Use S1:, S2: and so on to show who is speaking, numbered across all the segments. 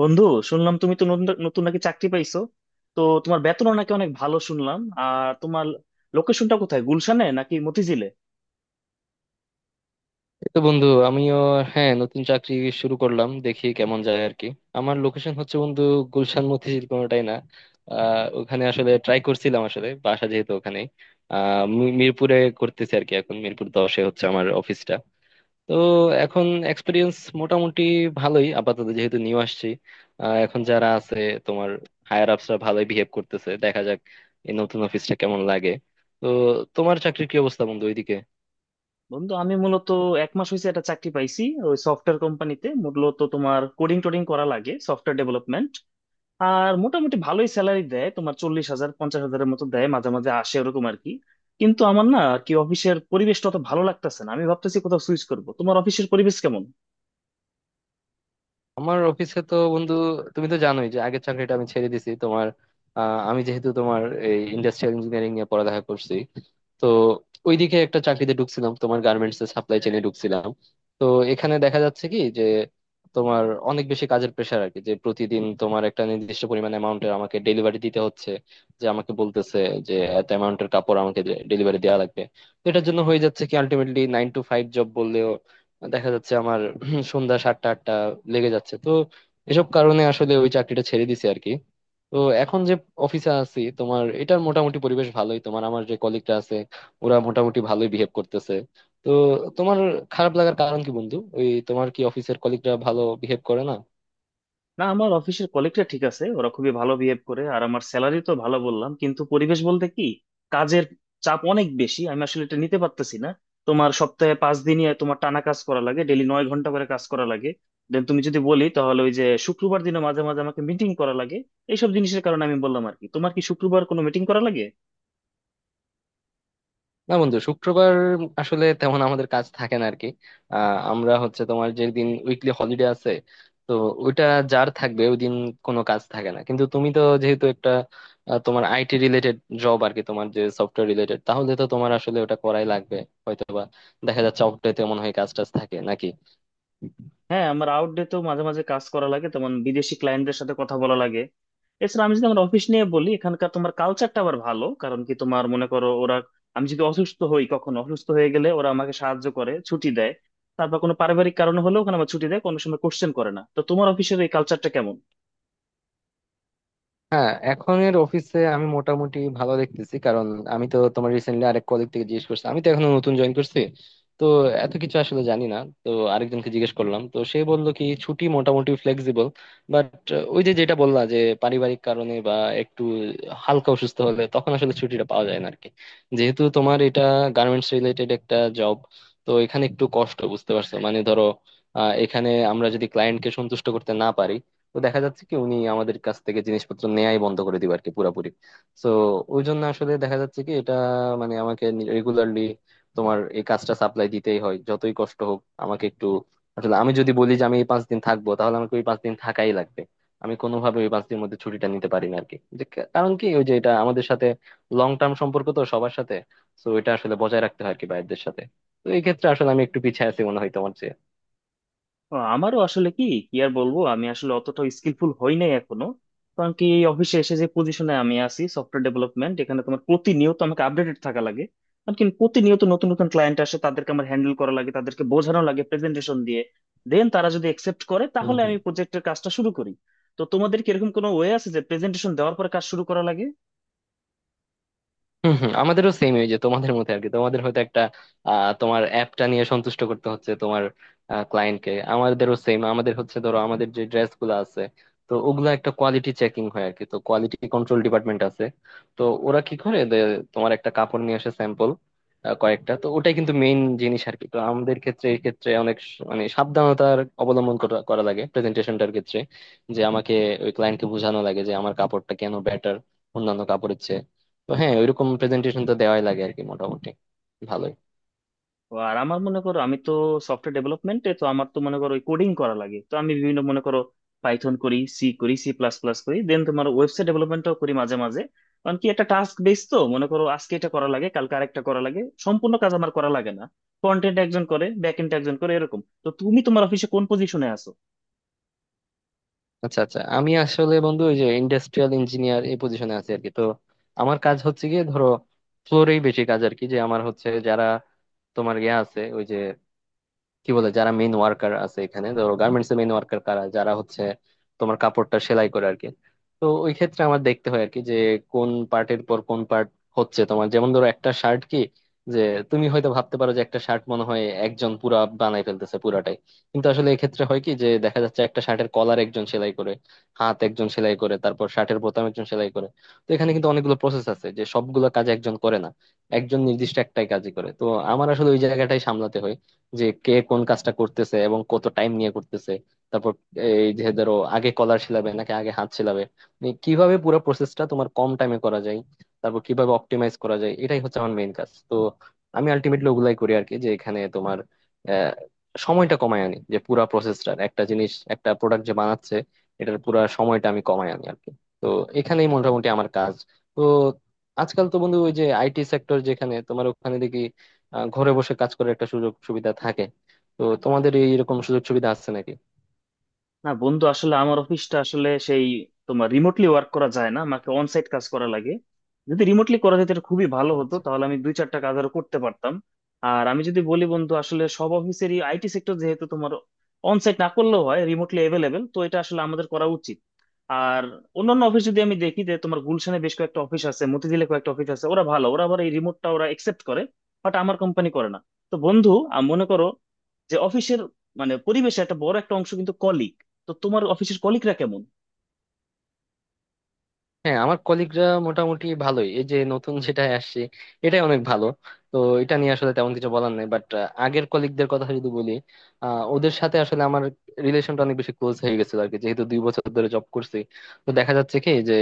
S1: বন্ধু, শুনলাম তুমি তো নতুন নতুন নাকি চাকরি পাইছো। তো তোমার বেতনও নাকি অনেক ভালো শুনলাম। আর তোমার লোকেশনটা কোথায়, গুলশানে নাকি মতিঝিলে?
S2: তো বন্ধু আমিও, হ্যাঁ, নতুন চাকরি শুরু করলাম, দেখি কেমন যায় আর কি। আমার লোকেশন হচ্ছে বন্ধু, গুলশান মতিঝিল কোনোটাই না। ওখানে আসলে ট্রাই করছিলাম, আসলে বাসা যেহেতু ওখানে। মিরপুরে করতেছি আর কি, এখন মিরপুর 10-এ হচ্ছে আমার অফিসটা। তো এখন এক্সপিরিয়েন্স মোটামুটি ভালোই, আপাতত যেহেতু নিউ আসছি। এখন যারা আছে, তোমার হায়ার আপসরা, ভালোই বিহেভ করতেছে। দেখা যাক এই নতুন অফিসটা কেমন লাগে। তো তোমার চাকরির কি অবস্থা বন্ধু ওইদিকে?
S1: বন্ধু আমি মূলত 1 মাস হয়েছে একটা চাকরি পাইছি। ওই সফটওয়্যার কোম্পানিতে, মূলত তোমার কোডিং টোডিং করা লাগে, সফটওয়্যার ডেভেলপমেন্ট। আর মোটামুটি ভালোই স্যালারি দেয়, তোমার 40,000 50,000 এর মতো দেয় মাঝে মাঝে আসে ওরকম আর কি। কিন্তু আমার না আর কি অফিসের পরিবেশটা অত ভালো লাগতেছে না, আমি ভাবতেছি কোথাও সুইচ করবো। তোমার অফিসের পরিবেশ কেমন?
S2: আমার অফিসে তো বন্ধু, তুমি তো জানোই যে আগের চাকরিটা আমি ছেড়ে দিছি তোমার। আমি যেহেতু তোমার এই ইন্ডাস্ট্রিয়াল ইঞ্জিনিয়ারিং নিয়ে পড়ালেখা করছি, তো ওইদিকে একটা চাকরিতে ঢুকছিলাম, তোমার গার্মেন্টস এর সাপ্লাই চেইনে ঢুকছিলাম। তো এখানে দেখা যাচ্ছে কি যে তোমার অনেক বেশি কাজের প্রেশার আর কি, যে প্রতিদিন তোমার একটা নির্দিষ্ট পরিমাণ অ্যামাউন্টের আমাকে ডেলিভারি দিতে হচ্ছে। যে আমাকে বলতেছে যে এত অ্যামাউন্টের কাপড় আমাকে ডেলিভারি দেওয়া লাগবে। তো এটার জন্য হয়ে যাচ্ছে কি, আলটিমেটলি 9 টু 5 জব বললেও দেখা যাচ্ছে আমার সন্ধ্যা সাতটা আটটা লেগে যাচ্ছে। তো এসব কারণে আসলে ওই চাকরিটা ছেড়ে দিছি আর কি। তো এখন যে অফিসে আছি তোমার, এটার মোটামুটি পরিবেশ ভালোই, তোমার আমার যে কলিগরা আছে ওরা মোটামুটি ভালোই বিহেভ করতেছে। তো তোমার খারাপ লাগার কারণ কি বন্ধু? ওই তোমার কি অফিসের কলিগরা ভালো বিহেভ করে না?
S1: না, আমার অফিসের কলিগটা ঠিক আছে, ওরা খুবই ভালো বিহেভ করে, আর আমার স্যালারি তো ভালো বললাম, কিন্তু পরিবেশ বলতে কি, কাজের চাপ অনেক বেশি, আমি আসলে এটা নিতে পারতেছি না। তোমার সপ্তাহে 5 দিনই তোমার টানা কাজ করা লাগে, ডেলি 9 ঘন্টা করে কাজ করা লাগে। দেন তুমি যদি বলি তাহলে ওই যে শুক্রবার দিনে মাঝে মাঝে আমাকে মিটিং করা লাগে। এইসব জিনিসের কারণে আমি বললাম আর কি। তোমার কি শুক্রবার কোনো মিটিং করা লাগে?
S2: না বন্ধু, শুক্রবার আসলে তেমন আমাদের কাজ থাকে না আরকি। আমরা হচ্ছে তোমার, যে দিন উইকলি হলিডে আছে, তো ওইটা যার থাকবে ওই দিন কোনো কাজ থাকে না। কিন্তু তুমি তো যেহেতু একটা তোমার আইটি রিলেটেড জব আর কি, তোমার যে সফটওয়্যার রিলেটেড, তাহলে তো তোমার আসলে ওটা করাই লাগবে। হয়তো বা দেখা যাচ্ছে অফ ডেতে মনে হয় কাজ টাজ থাকে নাকি?
S1: হ্যাঁ, আমার আউটডে তো মাঝে মাঝে কাজ করা লাগে তেমন, বিদেশি ক্লায়েন্টদের সাথে কথা বলা লাগে। এছাড়া আমি যদি আমার অফিস নিয়ে বলি, এখানকার তোমার কালচারটা আবার ভালো। কারণ কি, তোমার মনে করো ওরা, আমি যদি অসুস্থ হই কখনো, অসুস্থ হয়ে গেলে ওরা আমাকে সাহায্য করে, ছুটি দেয়। তারপর কোনো পারিবারিক কারণ হলেও ওখানে আমার ছুটি দেয়, কোনো সময় কোশ্চেন করে না। তো তোমার অফিসের এই কালচারটা কেমন?
S2: হ্যাঁ, এখনের অফিসে আমি মোটামুটি ভালো দেখতেছি। কারণ আমি তো তোমার রিসেন্টলি আরেক কলিগ থেকে জিজ্ঞেস করছি, আমি তো এখনো নতুন জয়েন করছি, তো এত কিছু আসলে জানি না। তো আরেকজনকে জিজ্ঞেস করলাম, তো সে বললো কি ছুটি মোটামুটি ফ্লেক্সিবল। বাট ওই যে যেটা বললা যে পারিবারিক কারণে বা একটু হালকা অসুস্থ হলে তখন আসলে ছুটিটা পাওয়া যায় না আরকি। যেহেতু তোমার এটা গার্মেন্টস রিলেটেড একটা জব, তো এখানে একটু কষ্ট, বুঝতে পারছো? মানে ধরো, এখানে আমরা যদি ক্লায়েন্টকে সন্তুষ্ট করতে না পারি, তো দেখা যাচ্ছে কি উনি আমাদের কাছ থেকে জিনিসপত্র নেয়াই বন্ধ করে দিবে আর কি, পুরাপুরি। তো ওই জন্য আসলে দেখা যাচ্ছে কি, এটা মানে আমাকে রেগুলারলি তোমার এই কাজটা সাপ্লাই দিতেই হয়, যতই কষ্ট হোক। আমাকে একটু, আসলে আমি যদি বলি যে আমি এই পাঁচ দিন থাকবো, তাহলে আমাকে ওই 5 দিন থাকাই লাগবে। আমি কোনোভাবে ওই 5 দিনের মধ্যে ছুটিটা নিতে পারি না আর কি। যে কারণ কি, ওই যে এটা আমাদের সাথে লং টার্ম সম্পর্ক তো সবার সাথে, তো এটা আসলে বজায় রাখতে হয় আর কি বাইরদের সাথে। তো এই ক্ষেত্রে আসলে আমি একটু পিছিয়ে আছি মনে হয় তোমার
S1: ও, আমারও আসলে কি কি আর বলবো, আমি আসলে অতটা স্কিলফুল হই নাই এখনো। কারণ কি এই অফিসে এসে যে পজিশনে আমি আছি, সফটওয়্যার ডেভেলপমেন্ট, এখানে তোমার প্রতিনিয়ত আমাকে আপডেটেড থাকা লাগে। কারণ কি প্রতিনিয়ত নতুন নতুন ক্লায়েন্ট আসে, তাদেরকে আমার হ্যান্ডেল করা লাগে, তাদেরকে বোঝানো লাগে প্রেজেন্টেশন দিয়ে। দেন তারা যদি একসেপ্ট করে তাহলে
S2: চেয়ে।
S1: আমি প্রজেক্টের কাজটা শুরু করি। তো তোমাদের কি এরকম কোনো ওয়ে আছে যে প্রেজেন্টেশন দেওয়ার পরে কাজ শুরু করা লাগে?
S2: হম হম, আমাদেরও সেম, এই যে তোমাদের মধ্যে আর কি, তোমাদের হয়তো একটা তোমার অ্যাপটা নিয়ে সন্তুষ্ট করতে হচ্ছে তোমার ক্লায়েন্টকে, আমাদেরও সেম। আমাদের হচ্ছে ধরো, আমাদের যে ড্রেস গুলো আছে, তো ওগুলা একটা কোয়ালিটি চেকিং হয় আর কি, তো কোয়ালিটি কন্ট্রোল ডিপার্টমেন্ট আছে। তো ওরা কি করে যে তোমার একটা কাপড় নিয়ে আসে, স্যাম্পল কয়েকটা, তো ওটাই কিন্তু মেইন জিনিস আর কি। তো আমাদের ক্ষেত্রে এই ক্ষেত্রে অনেক মানে সাবধানতার অবলম্বন করা করা লাগে প্রেজেন্টেশনটার ক্ষেত্রে। যে আমাকে ওই ক্লায়েন্টকে বোঝানো লাগে যে আমার কাপড়টা কেন বেটার অন্যান্য কাপড়ের চেয়ে। তো হ্যাঁ, ওইরকম প্রেজেন্টেশন তো দেওয়াই লাগে আর কি, মোটামুটি ভালোই।
S1: ও আর আমার মনে করো আমি তো সফটওয়্যার ডেভেলপমেন্টে, তো আমার তো মনে করো কোডিং করা লাগে। তো আমি বিভিন্ন, মনে করো, পাইথন করি, সি করি, সি প্লাস প্লাস করি, দেন তোমার ওয়েবসাইট ডেভেলপমেন্টও করি মাঝে মাঝে। কারণ কি একটা টাস্ক বেস, তো মনে করো আজকে এটা করা লাগে, কালকে আরেকটা করা লাগে। সম্পূর্ণ কাজ আমার করা লাগে না, ফ্রন্ট এন্ড একজন করে, ব্যাক এন্ড একজন করে, এরকম। তো তুমি তোমার অফিসে কোন পজিশনে আছো?
S2: আচ্ছা আচ্ছা, আমি আসলে বন্ধু ওই যে ইন্ডাস্ট্রিয়াল ইঞ্জিনিয়ার, এই পজিশনে আছি আর কি। তো আমার কাজ হচ্ছে গিয়ে ধরো ফ্লোরেই বেশি কাজ আর কি। যে আমার হচ্ছে যারা তোমার ইয়ে আছে, ওই যে কি বলে, যারা মেইন ওয়ার্কার আছে, এখানে ধরো গার্মেন্টস এর মেইন ওয়ার্কার কারা, যারা হচ্ছে তোমার কাপড়টা সেলাই করে আর কি। তো ওই ক্ষেত্রে আমার দেখতে হয় আর কি, যে কোন পার্টের পর কোন পার্ট হচ্ছে তোমার। যেমন ধরো একটা শার্ট, কি যে তুমি হয়তো ভাবতে পারো যে একটা শার্ট মনে হয় একজন পুরা বানাই ফেলতেছে পুরাটাই। কিন্তু আসলে এক্ষেত্রে হয় কি যে দেখা যাচ্ছে একটা শার্টের কলার একজন সেলাই করে, হাত একজন সেলাই করে, তারপর শার্টের বোতাম একজন সেলাই করে। তো এখানে কিন্তু অনেকগুলো প্রসেস আছে, যে সবগুলো কাজ একজন করে না, একজন নির্দিষ্ট একটাই কাজই করে। তো আমার আসলে ওই জায়গাটাই সামলাতে হয়, যে কে কোন কাজটা করতেছে এবং কত টাইম নিয়ে করতেছে। তারপর এই যে ধরো আগে কলার শিলাবে নাকি আগে হাত শিলাবে, মানে কিভাবে পুরো প্রসেসটা তোমার কম টাইমে করা যায়, তারপর কিভাবে অপটিমাইজ করা যায়, এটাই হচ্ছে আমার মেইন কাজ। তো আমি আলটিমেটলি ওগুলাই করি আর কি, যে এখানে তোমার আহ, সময়টা কমায় আনি। যে পুরা প্রসেসটার, একটা জিনিস একটা প্রোডাক্ট যে বানাচ্ছে, এটার পুরা সময়টা আমি কমায় আনি আর কি। তো এখানেই মোটামুটি আমার কাজ। তো আজকাল তো বন্ধু ওই যে আইটি সেক্টর, যেখানে তোমার ওখানে দেখি ঘরে বসে কাজ করার একটা সুযোগ সুবিধা থাকে। তো তোমাদের এই এরকম সুযোগ সুবিধা আছে নাকি?
S1: না বন্ধু, আসলে আমার অফিসটা আসলে সেই, তোমার রিমোটলি ওয়ার্ক করা যায় না, আমাকে অন সাইট কাজ করা লাগে। যদি রিমোটলি করা যেত এটা খুবই ভালো হতো,
S2: আচ্ছা।
S1: তাহলে আমি দুই চারটা কাজ আরো করতে পারতাম। আর আমি যদি বলি বন্ধু, আসলে সব অফিসেরই আইটি সেক্টর যেহেতু তোমার, অন সাইট না করলেও হয়, রিমোটলি অ্যাভেলেবেল, তো এটা আসলে আমাদের করা উচিত। আর অন্যান্য অফিস যদি আমি দেখি, যে তোমার গুলশানে বেশ কয়েকটা অফিস আছে, মতিঝিলে কয়েকটা অফিস আছে, ওরা ভালো, ওরা আবার এই রিমোটটা ওরা একসেপ্ট করে। বাট আমার কোম্পানি করে না। তো বন্ধু মনে করো যে অফিসের, মানে পরিবেশে একটা বড় একটা অংশ কিন্তু কলিগ। তো তোমার অফিসের কলিগরা কেমন?
S2: হ্যাঁ, আমার কলিগরা মোটামুটি ভালোই, এই যে নতুন যেটা আসছে এটাই অনেক ভালো। তো এটা নিয়ে আসলে তেমন কিছু বলার নেই, বাট আগের কলিগদের কথা যদি বলি, ওদের সাথে আসলে আমার রিলেশনটা অনেক বেশি ক্লোজ হয়ে গেছিল আর কি, যেহেতু 2 বছর ধরে জব করছি। তো দেখা যাচ্ছে কি যে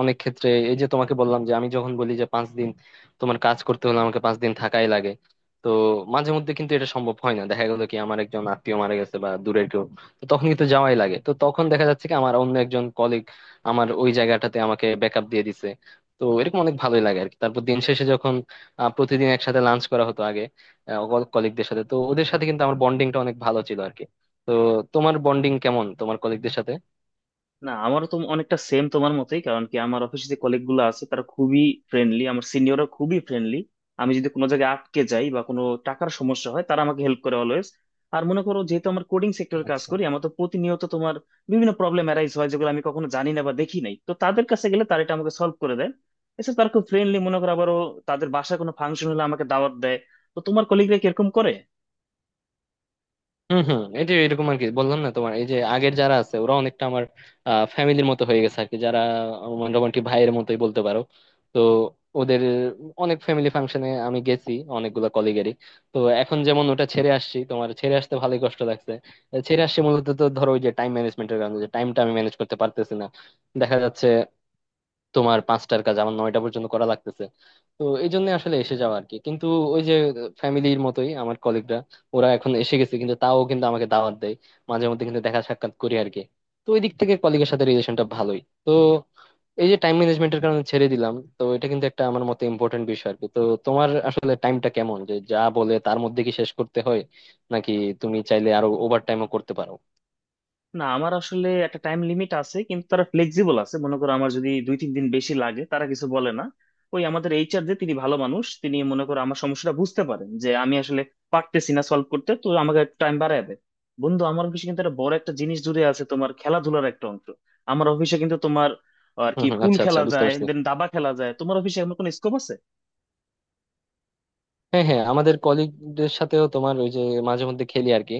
S2: অনেক ক্ষেত্রে এই যে তোমাকে বললাম যে, আমি যখন বলি যে 5 দিন তোমার কাজ করতে হলে, আমাকে 5 দিন থাকাই লাগে। তো মাঝে মধ্যে কিন্তু এটা সম্ভব হয় না, দেখা গেলো কি আমার একজন আত্মীয় মারা গেছে বা দূরের কেউ, তো তখন কিন্তু যাওয়াই লাগে। তো তখন দেখা যাচ্ছে কি আমার অন্য একজন কলিগ আমার ওই জায়গাটাতে আমাকে ব্যাকআপ দিয়ে দিছে। তো এরকম অনেক ভালোই লাগে আর কি। তারপর দিন শেষে যখন প্রতিদিন একসাথে লাঞ্চ করা হতো আগে কলিগদের সাথে, তো ওদের সাথে কিন্তু আমার বন্ডিংটা অনেক ভালো ছিল আর কি। তো তোমার বন্ডিং কেমন তোমার কলিগদের সাথে?
S1: না আমারও তো অনেকটা সেম তোমার মতোই। কারণ কি আমার অফিসে যে কলিগ গুলো আছে তারা খুবই ফ্রেন্ডলি, আমার সিনিয়ররা খুবই ফ্রেন্ডলি। আমি যদি কোনো জায়গায় আটকে যাই বা কোনো টাকার সমস্যা হয়, তারা আমাকে হেল্প করে অলওয়েজ। আর মনে করো যেহেতু আমার কোডিং সেক্টরে কাজ করি, আমার তো প্রতিনিয়ত তোমার বিভিন্ন প্রবলেম অ্যারাইজ হয় যেগুলো আমি কখনো জানি না বা দেখি নাই। তো তাদের কাছে গেলে তারা এটা আমাকে সলভ করে দেয়। এছাড়া তারা খুব ফ্রেন্ডলি, মনে করো আবারও, তাদের বাসায় কোনো ফাংশন হলে আমাকে দাওয়াত দেয়। তো তোমার কলিগরা কিরকম করে?
S2: হম হম। এই যে এরকম আর কি, বললাম না তোমার, এই যে আগের যারা আছে, ওরা অনেকটা আমার ফ্যামিলির মতো হয়ে গেছে আর কি। যারা আমার মোটামুটি ভাইয়ের মতোই বলতে পারো। তো ওদের অনেক ফ্যামিলি ফাংশনে আমি গেছি, অনেকগুলো কলিগেরই। তো এখন যেমন ওটা ছেড়ে আসছি তোমার, ছেড়ে আসতে ভালোই কষ্ট লাগছে। ছেড়ে আসছি মূলত তো ধরো ওই যে টাইম ম্যানেজমেন্টের কারণে, যে টাইমটা আমি ম্যানেজ করতে পারতেছি না। দেখা যাচ্ছে তোমার পাঁচটার কাজ আমার নয়টা পর্যন্ত করা লাগতেছে। তো এই জন্য আসলে এসে যাওয়া আর কি। কিন্তু ওই যে ফ্যামিলির মতোই আমার কলিগরা, ওরা এখন এসে গেছে কিন্তু তাও কিন্তু আমাকে দাওয়াত দেয়, মাঝে মধ্যে কিন্তু দেখা সাক্ষাৎ করি আর কি। তো ওই দিক থেকে কলিগের সাথে রিলেশনটা ভালোই। তো এই যে টাইম ম্যানেজমেন্টের কারণে ছেড়ে দিলাম, তো এটা কিন্তু একটা আমার মতে ইম্পর্টেন্ট বিষয় আর কি। তো তোমার আসলে টাইমটা কেমন, যে যা বলে তার মধ্যে কি শেষ করতে হয়, নাকি তুমি চাইলে আরো ওভার টাইমও করতে পারো?
S1: না আমার আসলে একটা টাইম লিমিট আছে, কিন্তু তারা ফ্লেক্সিবল আছে। মনে করো আমার যদি দুই তিন দিন বেশি লাগে তারা কিছু বলে না। ওই আমাদের এইচআর যে, তিনি ভালো মানুষ, তিনি মনে করো আমার সমস্যাটা বুঝতে পারেন, যে আমি আসলে পারতেছি না সলভ করতে, তো আমাকে টাইম বাড়ায় দেয়। বন্ধু আমার অফিসে কিন্তু একটা বড় একটা জিনিস জুড়ে আছে, তোমার খেলাধুলার একটা অংশ। আমার অফিসে কিন্তু তোমার আর
S2: হম
S1: কি
S2: হম,
S1: পুল
S2: আচ্ছা আচ্ছা,
S1: খেলা
S2: বুঝতে
S1: যায়,
S2: পারছি।
S1: দেন দাবা খেলা যায়। তোমার অফিসে এমন কোনো স্কোপ আছে?
S2: হ্যাঁ হ্যাঁ, আমাদের কলিগদের সাথেও তোমার ওই যে মাঝে মধ্যে খেলি আর কি।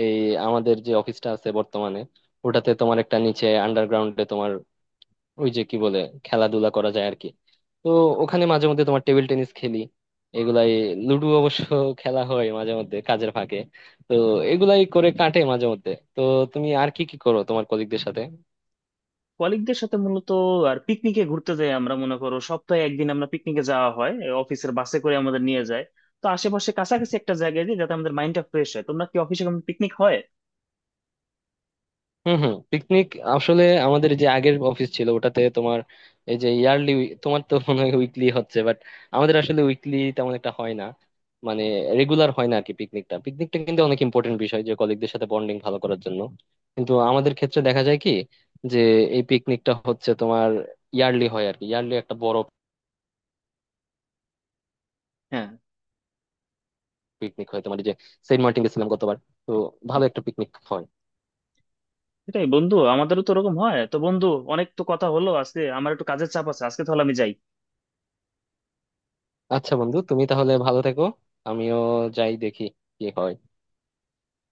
S2: এই আমাদের যে অফিসটা আছে বর্তমানে, ওটাতে তোমার একটা নিচে আন্ডারগ্রাউন্ডে, তোমার ওই যে কি বলে, খেলাধুলা করা যায় আর কি। তো ওখানে মাঝে মধ্যে তোমার টেবিল টেনিস খেলি, এগুলাই। লুডো অবশ্য খেলা হয় মাঝে মধ্যে কাজের ফাঁকে। তো এগুলাই করে কাটে মাঝে মধ্যে। তো তুমি আর কি কি করো তোমার কলিগদের সাথে?
S1: কলিগদের সাথে মূলত আর পিকনিকে ঘুরতে যাই আমরা, মনে করো সপ্তাহে একদিন আমরা পিকনিকে যাওয়া হয়, এ অফিসের বাসে করে আমাদের নিয়ে যায়। তো আশেপাশে কাছাকাছি একটা জায়গায় যাই, যাতে আমাদের মাইন্ডটা ফ্রেশ হয়। তোমরা কি অফিসে কোনো পিকনিক হয়?
S2: হম হম, পিকনিক। আসলে আমাদের যে আগের অফিস ছিল, ওটাতে তোমার এই যে ইয়ারলি, তোমার তো মনে হয় উইকলি হচ্ছে, বাট আমাদের আসলে উইকলি তেমন একটা হয় না, মানে রেগুলার হয় না আর কি। পিকনিকটা, পিকনিকটা কিন্তু অনেক ইম্পর্টেন্ট বিষয়, যে কলিগদের সাথে বন্ডিং ভালো করার জন্য। কিন্তু আমাদের ক্ষেত্রে দেখা যায় কি, যে এই পিকনিকটা হচ্ছে তোমার ইয়ারলি হয় আর কি, ইয়ারলি একটা বড়
S1: হ্যাঁ,
S2: পিকনিক হয় তোমার। এই যে সেন্ট মার্টিন গেছিলাম গতবার, তো ভালো একটা পিকনিক হয়।
S1: সেটাই বন্ধু, আমাদেরও তো ওরকম হয়। তো বন্ধু অনেক তো কথা হলো আজকে, আমার একটু কাজের চাপ আছে আজকে, তাহলে আমি যাই।
S2: আচ্ছা বন্ধু, তুমি তাহলে ভালো থেকো। আমিও যাই, দেখি কি হয়।